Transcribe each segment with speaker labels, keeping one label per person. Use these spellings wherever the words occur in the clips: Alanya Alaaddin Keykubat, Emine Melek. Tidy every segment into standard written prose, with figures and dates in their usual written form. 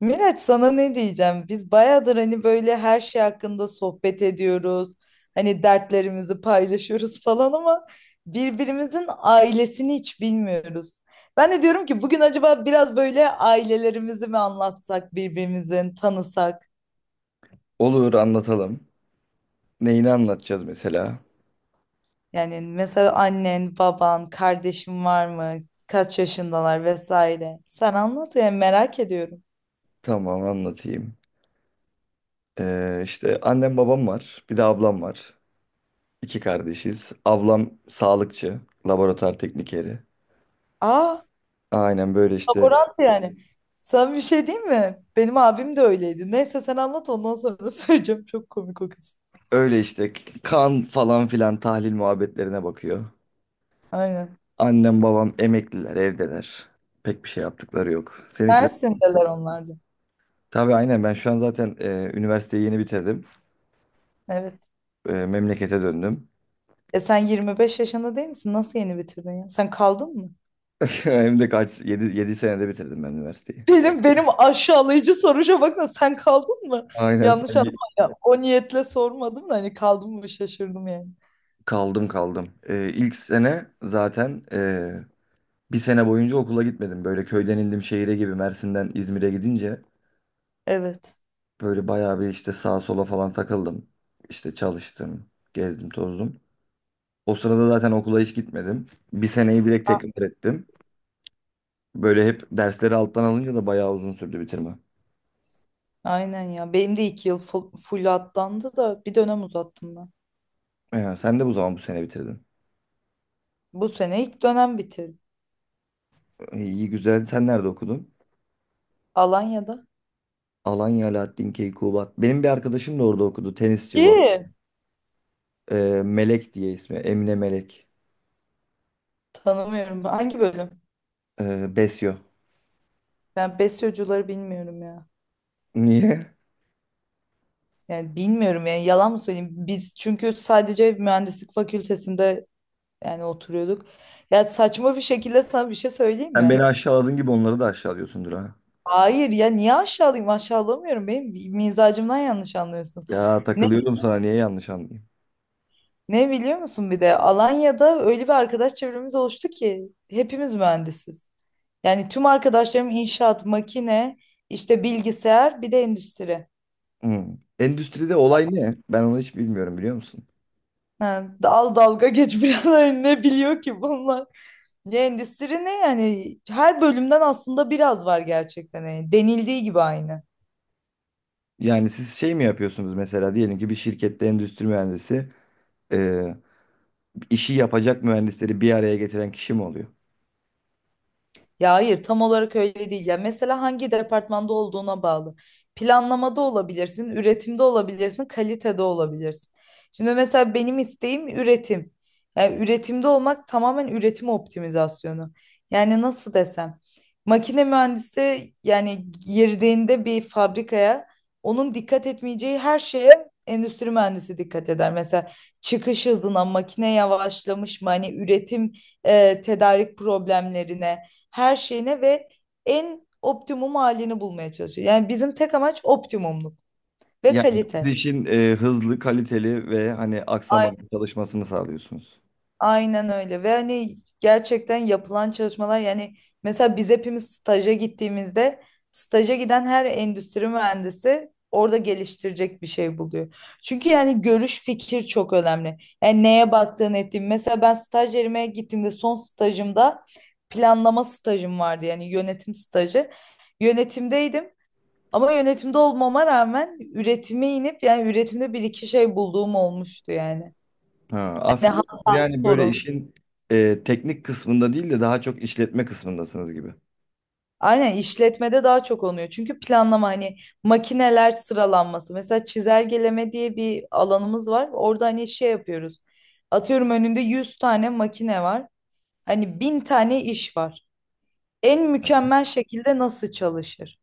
Speaker 1: Miraç, sana ne diyeceğim? Biz bayağıdır hani böyle her şey hakkında sohbet ediyoruz. Hani dertlerimizi paylaşıyoruz falan ama birbirimizin ailesini hiç bilmiyoruz. Ben de diyorum ki bugün acaba biraz böyle ailelerimizi mi anlatsak, birbirimizin tanısak?
Speaker 2: Olur anlatalım. Neyini anlatacağız mesela?
Speaker 1: Yani mesela annen, baban, kardeşin var mı? Kaç yaşındalar vesaire. Sen anlat yani merak ediyorum.
Speaker 2: Tamam anlatayım. İşte annem babam var. Bir de ablam var. İki kardeşiz. Ablam sağlıkçı. Laboratuvar teknikeri.
Speaker 1: Aa.
Speaker 2: Aynen böyle işte.
Speaker 1: Laborant yani. Sen bir şey değil mi? Benim abim de öyleydi. Neyse sen anlat ondan sonra söyleyeceğim. Çok komik o kız.
Speaker 2: Öyle işte kan falan filan tahlil muhabbetlerine bakıyor.
Speaker 1: Aynen.
Speaker 2: Annem babam emekliler evdeler. Pek bir şey yaptıkları yok. Seninki de...
Speaker 1: Mersin'deler onlardı.
Speaker 2: Tabii aynen ben şu an zaten üniversiteyi yeni bitirdim.
Speaker 1: Evet.
Speaker 2: Memlekete döndüm.
Speaker 1: E sen 25 yaşında değil misin? Nasıl yeni bitirdin ya? Sen kaldın mı?
Speaker 2: Hem de kaç 7 7 senede bitirdim ben üniversiteyi.
Speaker 1: Benim aşağılayıcı soruşa baksana, sen kaldın mı?
Speaker 2: Aynen
Speaker 1: Yanlış anlama
Speaker 2: sen.
Speaker 1: ya. O niyetle sormadım da hani kaldın mı, şaşırdım yani.
Speaker 2: Kaldım kaldım. İlk sene zaten bir sene boyunca okula gitmedim. Böyle köyden indim şehire gibi Mersin'den İzmir'e gidince
Speaker 1: Evet.
Speaker 2: böyle bayağı bir işte sağa sola falan takıldım. İşte çalıştım, gezdim, tozdum. O sırada zaten okula hiç gitmedim. Bir seneyi direkt tekrar ettim. Böyle hep dersleri alttan alınca da bayağı uzun sürdü bitirme.
Speaker 1: Aynen ya. Benim de 2 yıl full, full atlandı da bir dönem uzattım ben.
Speaker 2: Sen de bu sene bitirdin.
Speaker 1: Bu sene ilk dönem bitirdim.
Speaker 2: İyi güzel. Sen nerede okudun?
Speaker 1: Alanya'da.
Speaker 2: Alanya Alaaddin Keykubat. Benim bir arkadaşım da orada okudu. Tenisçi bu arada.
Speaker 1: İyi.
Speaker 2: Melek diye ismi. Emine Melek.
Speaker 1: Tanımıyorum. Hangi bölüm?
Speaker 2: Besyo.
Speaker 1: Ben besyocuları bilmiyorum ya.
Speaker 2: Niye?
Speaker 1: Yani bilmiyorum yani, yalan mı söyleyeyim? Biz çünkü sadece mühendislik fakültesinde yani oturuyorduk. Ya saçma bir şekilde sana bir şey söyleyeyim
Speaker 2: Sen
Speaker 1: mi?
Speaker 2: beni aşağıladığın gibi onları da aşağılıyorsundur ha.
Speaker 1: Hayır ya, niye aşağılayayım? Aşağılamıyorum. Benim mizacımdan yanlış anlıyorsun.
Speaker 2: Ya
Speaker 1: Ne,
Speaker 2: takılıyorum sana niye yanlış anlayayım?
Speaker 1: ne biliyor musun, bir de Alanya'da öyle bir arkadaş çevremiz oluştu ki hepimiz mühendisiz. Yani tüm arkadaşlarım inşaat, makine, işte bilgisayar bir de endüstri.
Speaker 2: Hmm. Endüstride olay ne? Ben onu hiç bilmiyorum biliyor musun?
Speaker 1: Ha, dalga geç biraz. Hani ne biliyor ki bunlar? Ya endüstri ne yani? Her bölümden aslında biraz var gerçekten. Yani denildiği gibi aynı.
Speaker 2: Yani siz şey mi yapıyorsunuz mesela diyelim ki bir şirkette endüstri mühendisi e, işi yapacak mühendisleri bir araya getiren kişi mi oluyor?
Speaker 1: Ya hayır, tam olarak öyle değil. Ya mesela hangi departmanda olduğuna bağlı. Planlamada olabilirsin, üretimde olabilirsin, kalitede olabilirsin. Şimdi mesela benim isteğim üretim. Yani üretimde olmak tamamen üretim optimizasyonu. Yani nasıl desem, makine mühendisi yani girdiğinde bir fabrikaya, onun dikkat etmeyeceği her şeye endüstri mühendisi dikkat eder. Mesela çıkış hızına, makine yavaşlamış mı, hani üretim tedarik problemlerine, her şeyine ve en optimum halini bulmaya çalışıyor. Yani bizim tek amaç optimumluk ve
Speaker 2: Yani siz
Speaker 1: kalite.
Speaker 2: işin hızlı, kaliteli ve hani
Speaker 1: Ay-
Speaker 2: aksamadan çalışmasını sağlıyorsunuz.
Speaker 1: Aynen öyle. Ve hani gerçekten yapılan çalışmalar yani, mesela biz hepimiz staja gittiğimizde, staja giden her endüstri mühendisi orada geliştirecek bir şey buluyor. Çünkü yani görüş, fikir çok önemli. Yani neye baktığın ettiğin. Mesela ben staj yerime gittiğimde, son stajımda planlama stajım vardı, yani yönetim stajı. Yönetimdeydim. Ama yönetimde olmama rağmen üretime inip yani üretimde bir iki şey bulduğum olmuştu yani.
Speaker 2: Ha,
Speaker 1: Hani
Speaker 2: aslında siz
Speaker 1: hata,
Speaker 2: yani böyle
Speaker 1: sorun.
Speaker 2: işin teknik kısmında değil de daha çok işletme kısmındasınız gibi.
Speaker 1: Aynen, işletmede daha çok oluyor. Çünkü planlama hani makineler sıralanması. Mesela çizelgeleme diye bir alanımız var. Orada hani şey yapıyoruz. Atıyorum önünde 100 tane makine var. Hani 1000 tane iş var. En mükemmel şekilde nasıl çalışır?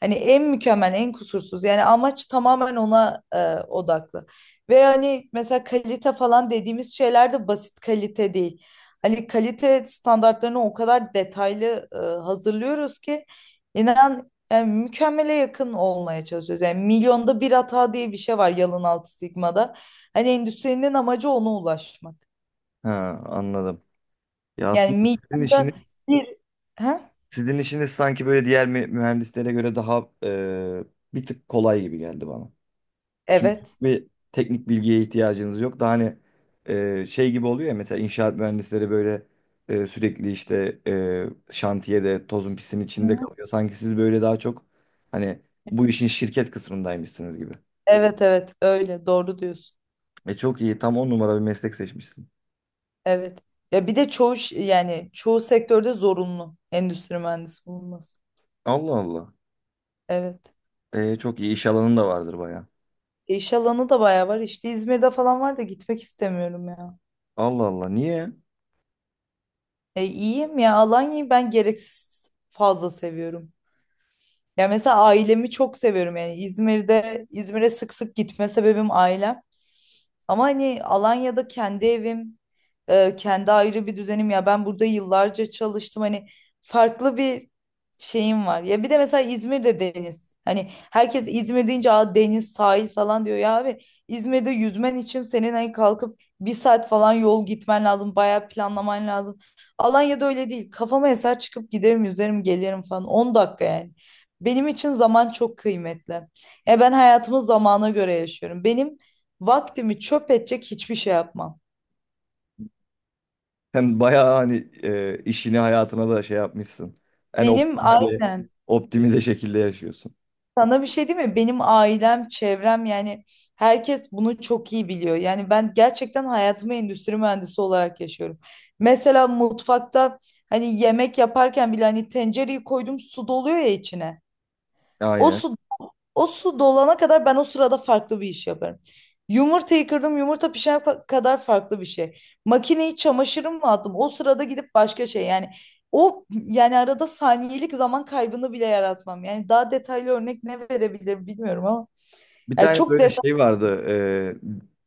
Speaker 1: Hani en mükemmel, en kusursuz. Yani amaç tamamen ona odaklı. Ve hani mesela kalite falan dediğimiz şeyler de basit kalite değil. Hani kalite standartlarını o kadar detaylı hazırlıyoruz ki inan yani mükemmele yakın olmaya çalışıyoruz. Yani milyonda bir hata diye bir şey var Yalın Altı Sigma'da. Hani endüstrinin amacı ona ulaşmak.
Speaker 2: Ha, anladım. Ya
Speaker 1: Yani
Speaker 2: aslında sizin
Speaker 1: milyonda
Speaker 2: işiniz,
Speaker 1: bir... Ha?
Speaker 2: sizin işiniz sanki böyle diğer mühendislere göre daha bir tık kolay gibi geldi bana. Çünkü
Speaker 1: Evet.
Speaker 2: bir teknik bilgiye ihtiyacınız yok. Daha hani şey gibi oluyor ya mesela inşaat mühendisleri böyle sürekli işte şantiyede tozun pisin
Speaker 1: Hı
Speaker 2: içinde
Speaker 1: hı.
Speaker 2: kalıyor. Sanki siz böyle daha çok hani bu işin şirket kısmındaymışsınız gibi.
Speaker 1: Evet, evet, öyle doğru diyorsun.
Speaker 2: Çok iyi tam 10 numara bir meslek seçmişsin.
Speaker 1: Evet. Ya bir de çoğu yani çoğu sektörde zorunlu endüstri mühendisi bulunması.
Speaker 2: Allah Allah.
Speaker 1: Evet.
Speaker 2: Çok iyi iş alanın da vardır baya.
Speaker 1: E iş alanı da bayağı var. İşte İzmir'de falan var da gitmek istemiyorum ya.
Speaker 2: Allah Allah niye?
Speaker 1: E iyiyim ya. Alanya'yı ben gereksiz fazla seviyorum. Ya mesela ailemi çok seviyorum yani İzmir'de, İzmir'e sık sık gitme sebebim ailem. Ama hani Alanya'da kendi evim, kendi ayrı bir düzenim ya. Ben burada yıllarca çalıştım. Hani farklı bir şeyim var. Ya bir de mesela İzmir'de deniz. Hani herkes İzmir deyince, "Aa, deniz, sahil" falan diyor. Ya abi, İzmir'de yüzmen için senin hani kalkıp 1 saat falan yol gitmen lazım. Bayağı planlaman lazım. Alanya'da öyle değil. Kafama eser, çıkıp giderim, yüzerim, gelirim falan. 10 dakika yani. Benim için zaman çok kıymetli. E ben hayatımı zamana göre yaşıyorum. Benim vaktimi çöp edecek hiçbir şey yapmam.
Speaker 2: Hem bayağı hani işini hayatına da şey yapmışsın. En
Speaker 1: Ya,
Speaker 2: optimize,
Speaker 1: aynen.
Speaker 2: optimize şekilde yaşıyorsun.
Speaker 1: Sana bir şey değil mi? Benim ailem, çevrem yani herkes bunu çok iyi biliyor. Yani ben gerçekten hayatımı endüstri mühendisi olarak yaşıyorum. Mesela mutfakta hani yemek yaparken bile, hani tencereyi koydum, su doluyor ya içine. O
Speaker 2: Aynen.
Speaker 1: su O su dolana kadar ben o sırada farklı bir iş yaparım. Yumurtayı kırdım, yumurta pişene kadar farklı bir şey. Makineyi, çamaşırım mı attım? O sırada gidip başka şey yani o yani arada saniyelik zaman kaybını bile yaratmam. Yani daha detaylı örnek ne verebilirim bilmiyorum ama
Speaker 2: Bir
Speaker 1: yani
Speaker 2: tane
Speaker 1: çok
Speaker 2: böyle
Speaker 1: detay,
Speaker 2: şey vardı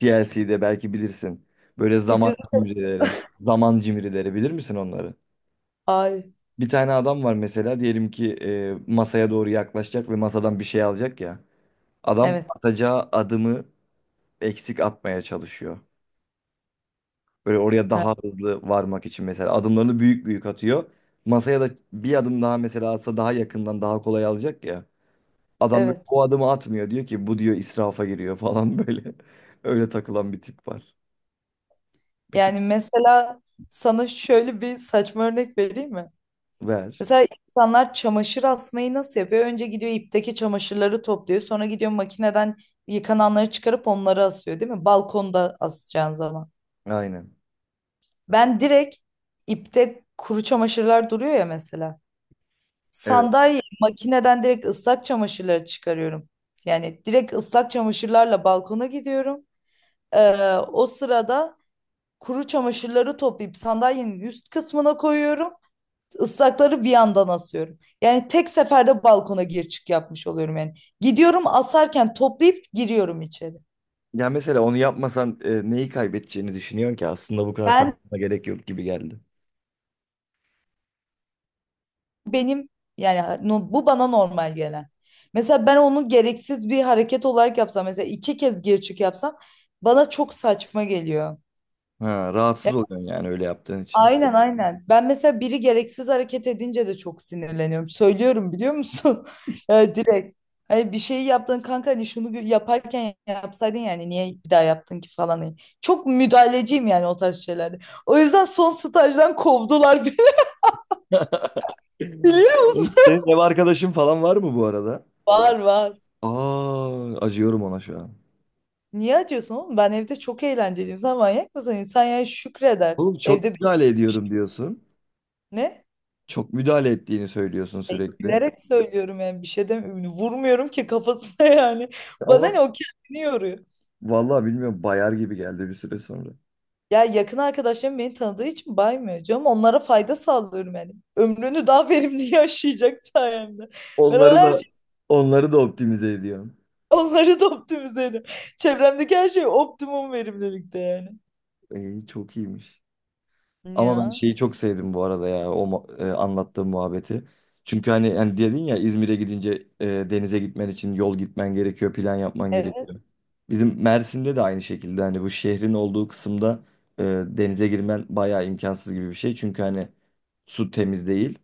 Speaker 2: DLC'de belki bilirsin. Böyle zaman
Speaker 1: titiz.
Speaker 2: cimrileri. Zaman cimrileri bilir misin onları?
Speaker 1: Ay,
Speaker 2: Bir tane adam var mesela diyelim ki masaya doğru yaklaşacak ve masadan bir şey alacak ya. Adam
Speaker 1: evet.
Speaker 2: atacağı adımı eksik atmaya çalışıyor. Böyle oraya
Speaker 1: Ha,
Speaker 2: daha hızlı varmak için mesela adımlarını büyük büyük atıyor. Masaya da bir adım daha mesela atsa daha yakından daha kolay alacak ya. Adam böyle
Speaker 1: evet.
Speaker 2: o adımı atmıyor diyor ki bu diyor israfa giriyor falan böyle. Öyle takılan bir tip var. Bir tık
Speaker 1: Yani mesela sana şöyle bir saçma örnek vereyim mi?
Speaker 2: ver.
Speaker 1: Mesela insanlar çamaşır asmayı nasıl yapıyor? Önce gidiyor, ipteki çamaşırları topluyor. Sonra gidiyor, makineden yıkananları çıkarıp onları asıyor, değil mi? Balkonda asacağın zaman.
Speaker 2: Aynen.
Speaker 1: Ben direkt, ipte kuru çamaşırlar duruyor ya mesela.
Speaker 2: Evet.
Speaker 1: Sandalye, makineden direkt ıslak çamaşırları çıkarıyorum. Yani direkt ıslak çamaşırlarla balkona gidiyorum. O sırada kuru çamaşırları toplayıp sandalyenin üst kısmına koyuyorum. Islakları bir yandan asıyorum. Yani tek seferde balkona gir çık yapmış oluyorum yani. Gidiyorum, asarken toplayıp giriyorum içeri.
Speaker 2: Ya mesela onu yapmasan neyi kaybedeceğini düşünüyorsun ki aslında bu kadar
Speaker 1: Ben
Speaker 2: kaybetmene gerek yok gibi geldi.
Speaker 1: Benim yani bu bana normal gelen. Mesela ben onu gereksiz bir hareket olarak yapsam, mesela 2 kez gir çık yapsam, bana çok saçma geliyor.
Speaker 2: Ha, rahatsız oluyorsun yani öyle yaptığın için.
Speaker 1: Aynen, aynen. Ben mesela biri gereksiz hareket edince de çok sinirleniyorum. Söylüyorum, biliyor musun? Ya direkt. Hani bir şeyi yaptın kanka, hani şunu bir yaparken yapsaydın, yani niye bir daha yaptın ki falan. Hani çok müdahaleciyim yani o tarz şeylerde. O yüzden son stajdan kovdular beni biliyor musun?
Speaker 2: Senin ev arkadaşın falan var mı bu arada?
Speaker 1: Var, var.
Speaker 2: Aa, acıyorum ona şu an.
Speaker 1: Niye acıyorsun oğlum? Ben evde çok eğlenceliyim. Sen manyak mısın? İnsan yani şükreder.
Speaker 2: Oğlum çok
Speaker 1: Evde bir
Speaker 2: müdahale
Speaker 1: şey.
Speaker 2: ediyorum diyorsun.
Speaker 1: Ne?
Speaker 2: Çok müdahale ettiğini söylüyorsun
Speaker 1: E,
Speaker 2: sürekli.
Speaker 1: Gülerek söylüyorum yani, bir şey demiyorum. Vurmuyorum ki kafasına yani. Bana
Speaker 2: Ama
Speaker 1: ne, o kendini yoruyor.
Speaker 2: vallahi bilmiyorum bayar gibi geldi bir süre sonra.
Speaker 1: Ya yakın arkadaşlarım beni tanıdığı için baymıyor canım. Onlara fayda sağlıyorum yani. Ömrünü daha verimli yaşayacak sayemde. Ben o
Speaker 2: Onları
Speaker 1: her
Speaker 2: da
Speaker 1: şey
Speaker 2: onları da optimize ediyorum.
Speaker 1: onları da optimize ediyorum. Çevremdeki her şey optimum verimlilikte yani.
Speaker 2: İyi çok iyiymiş. Ama ben
Speaker 1: Ya.
Speaker 2: şeyi çok sevdim bu arada ya anlattığım muhabbeti. Çünkü hani yani dedin ya İzmir'e gidince denize gitmen için yol gitmen gerekiyor, plan yapman
Speaker 1: Evet,
Speaker 2: gerekiyor. Bizim Mersin'de de aynı şekilde hani bu şehrin olduğu kısımda denize girmen bayağı imkansız gibi bir şey. Çünkü hani su temiz değil.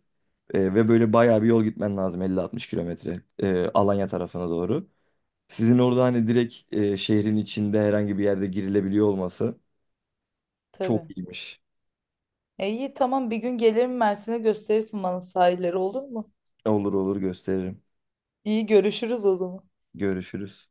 Speaker 2: Ve böyle bayağı bir yol gitmen lazım 50-60 kilometre Alanya tarafına doğru. Sizin orada hani direkt şehrin içinde herhangi bir yerde girilebiliyor olması çok
Speaker 1: tabii.
Speaker 2: iyiymiş.
Speaker 1: E iyi, tamam, bir gün gelirim Mersin'e, gösterirsin bana sahilleri, olur mu?
Speaker 2: Olur olur gösteririm.
Speaker 1: İyi, görüşürüz o zaman.
Speaker 2: Görüşürüz.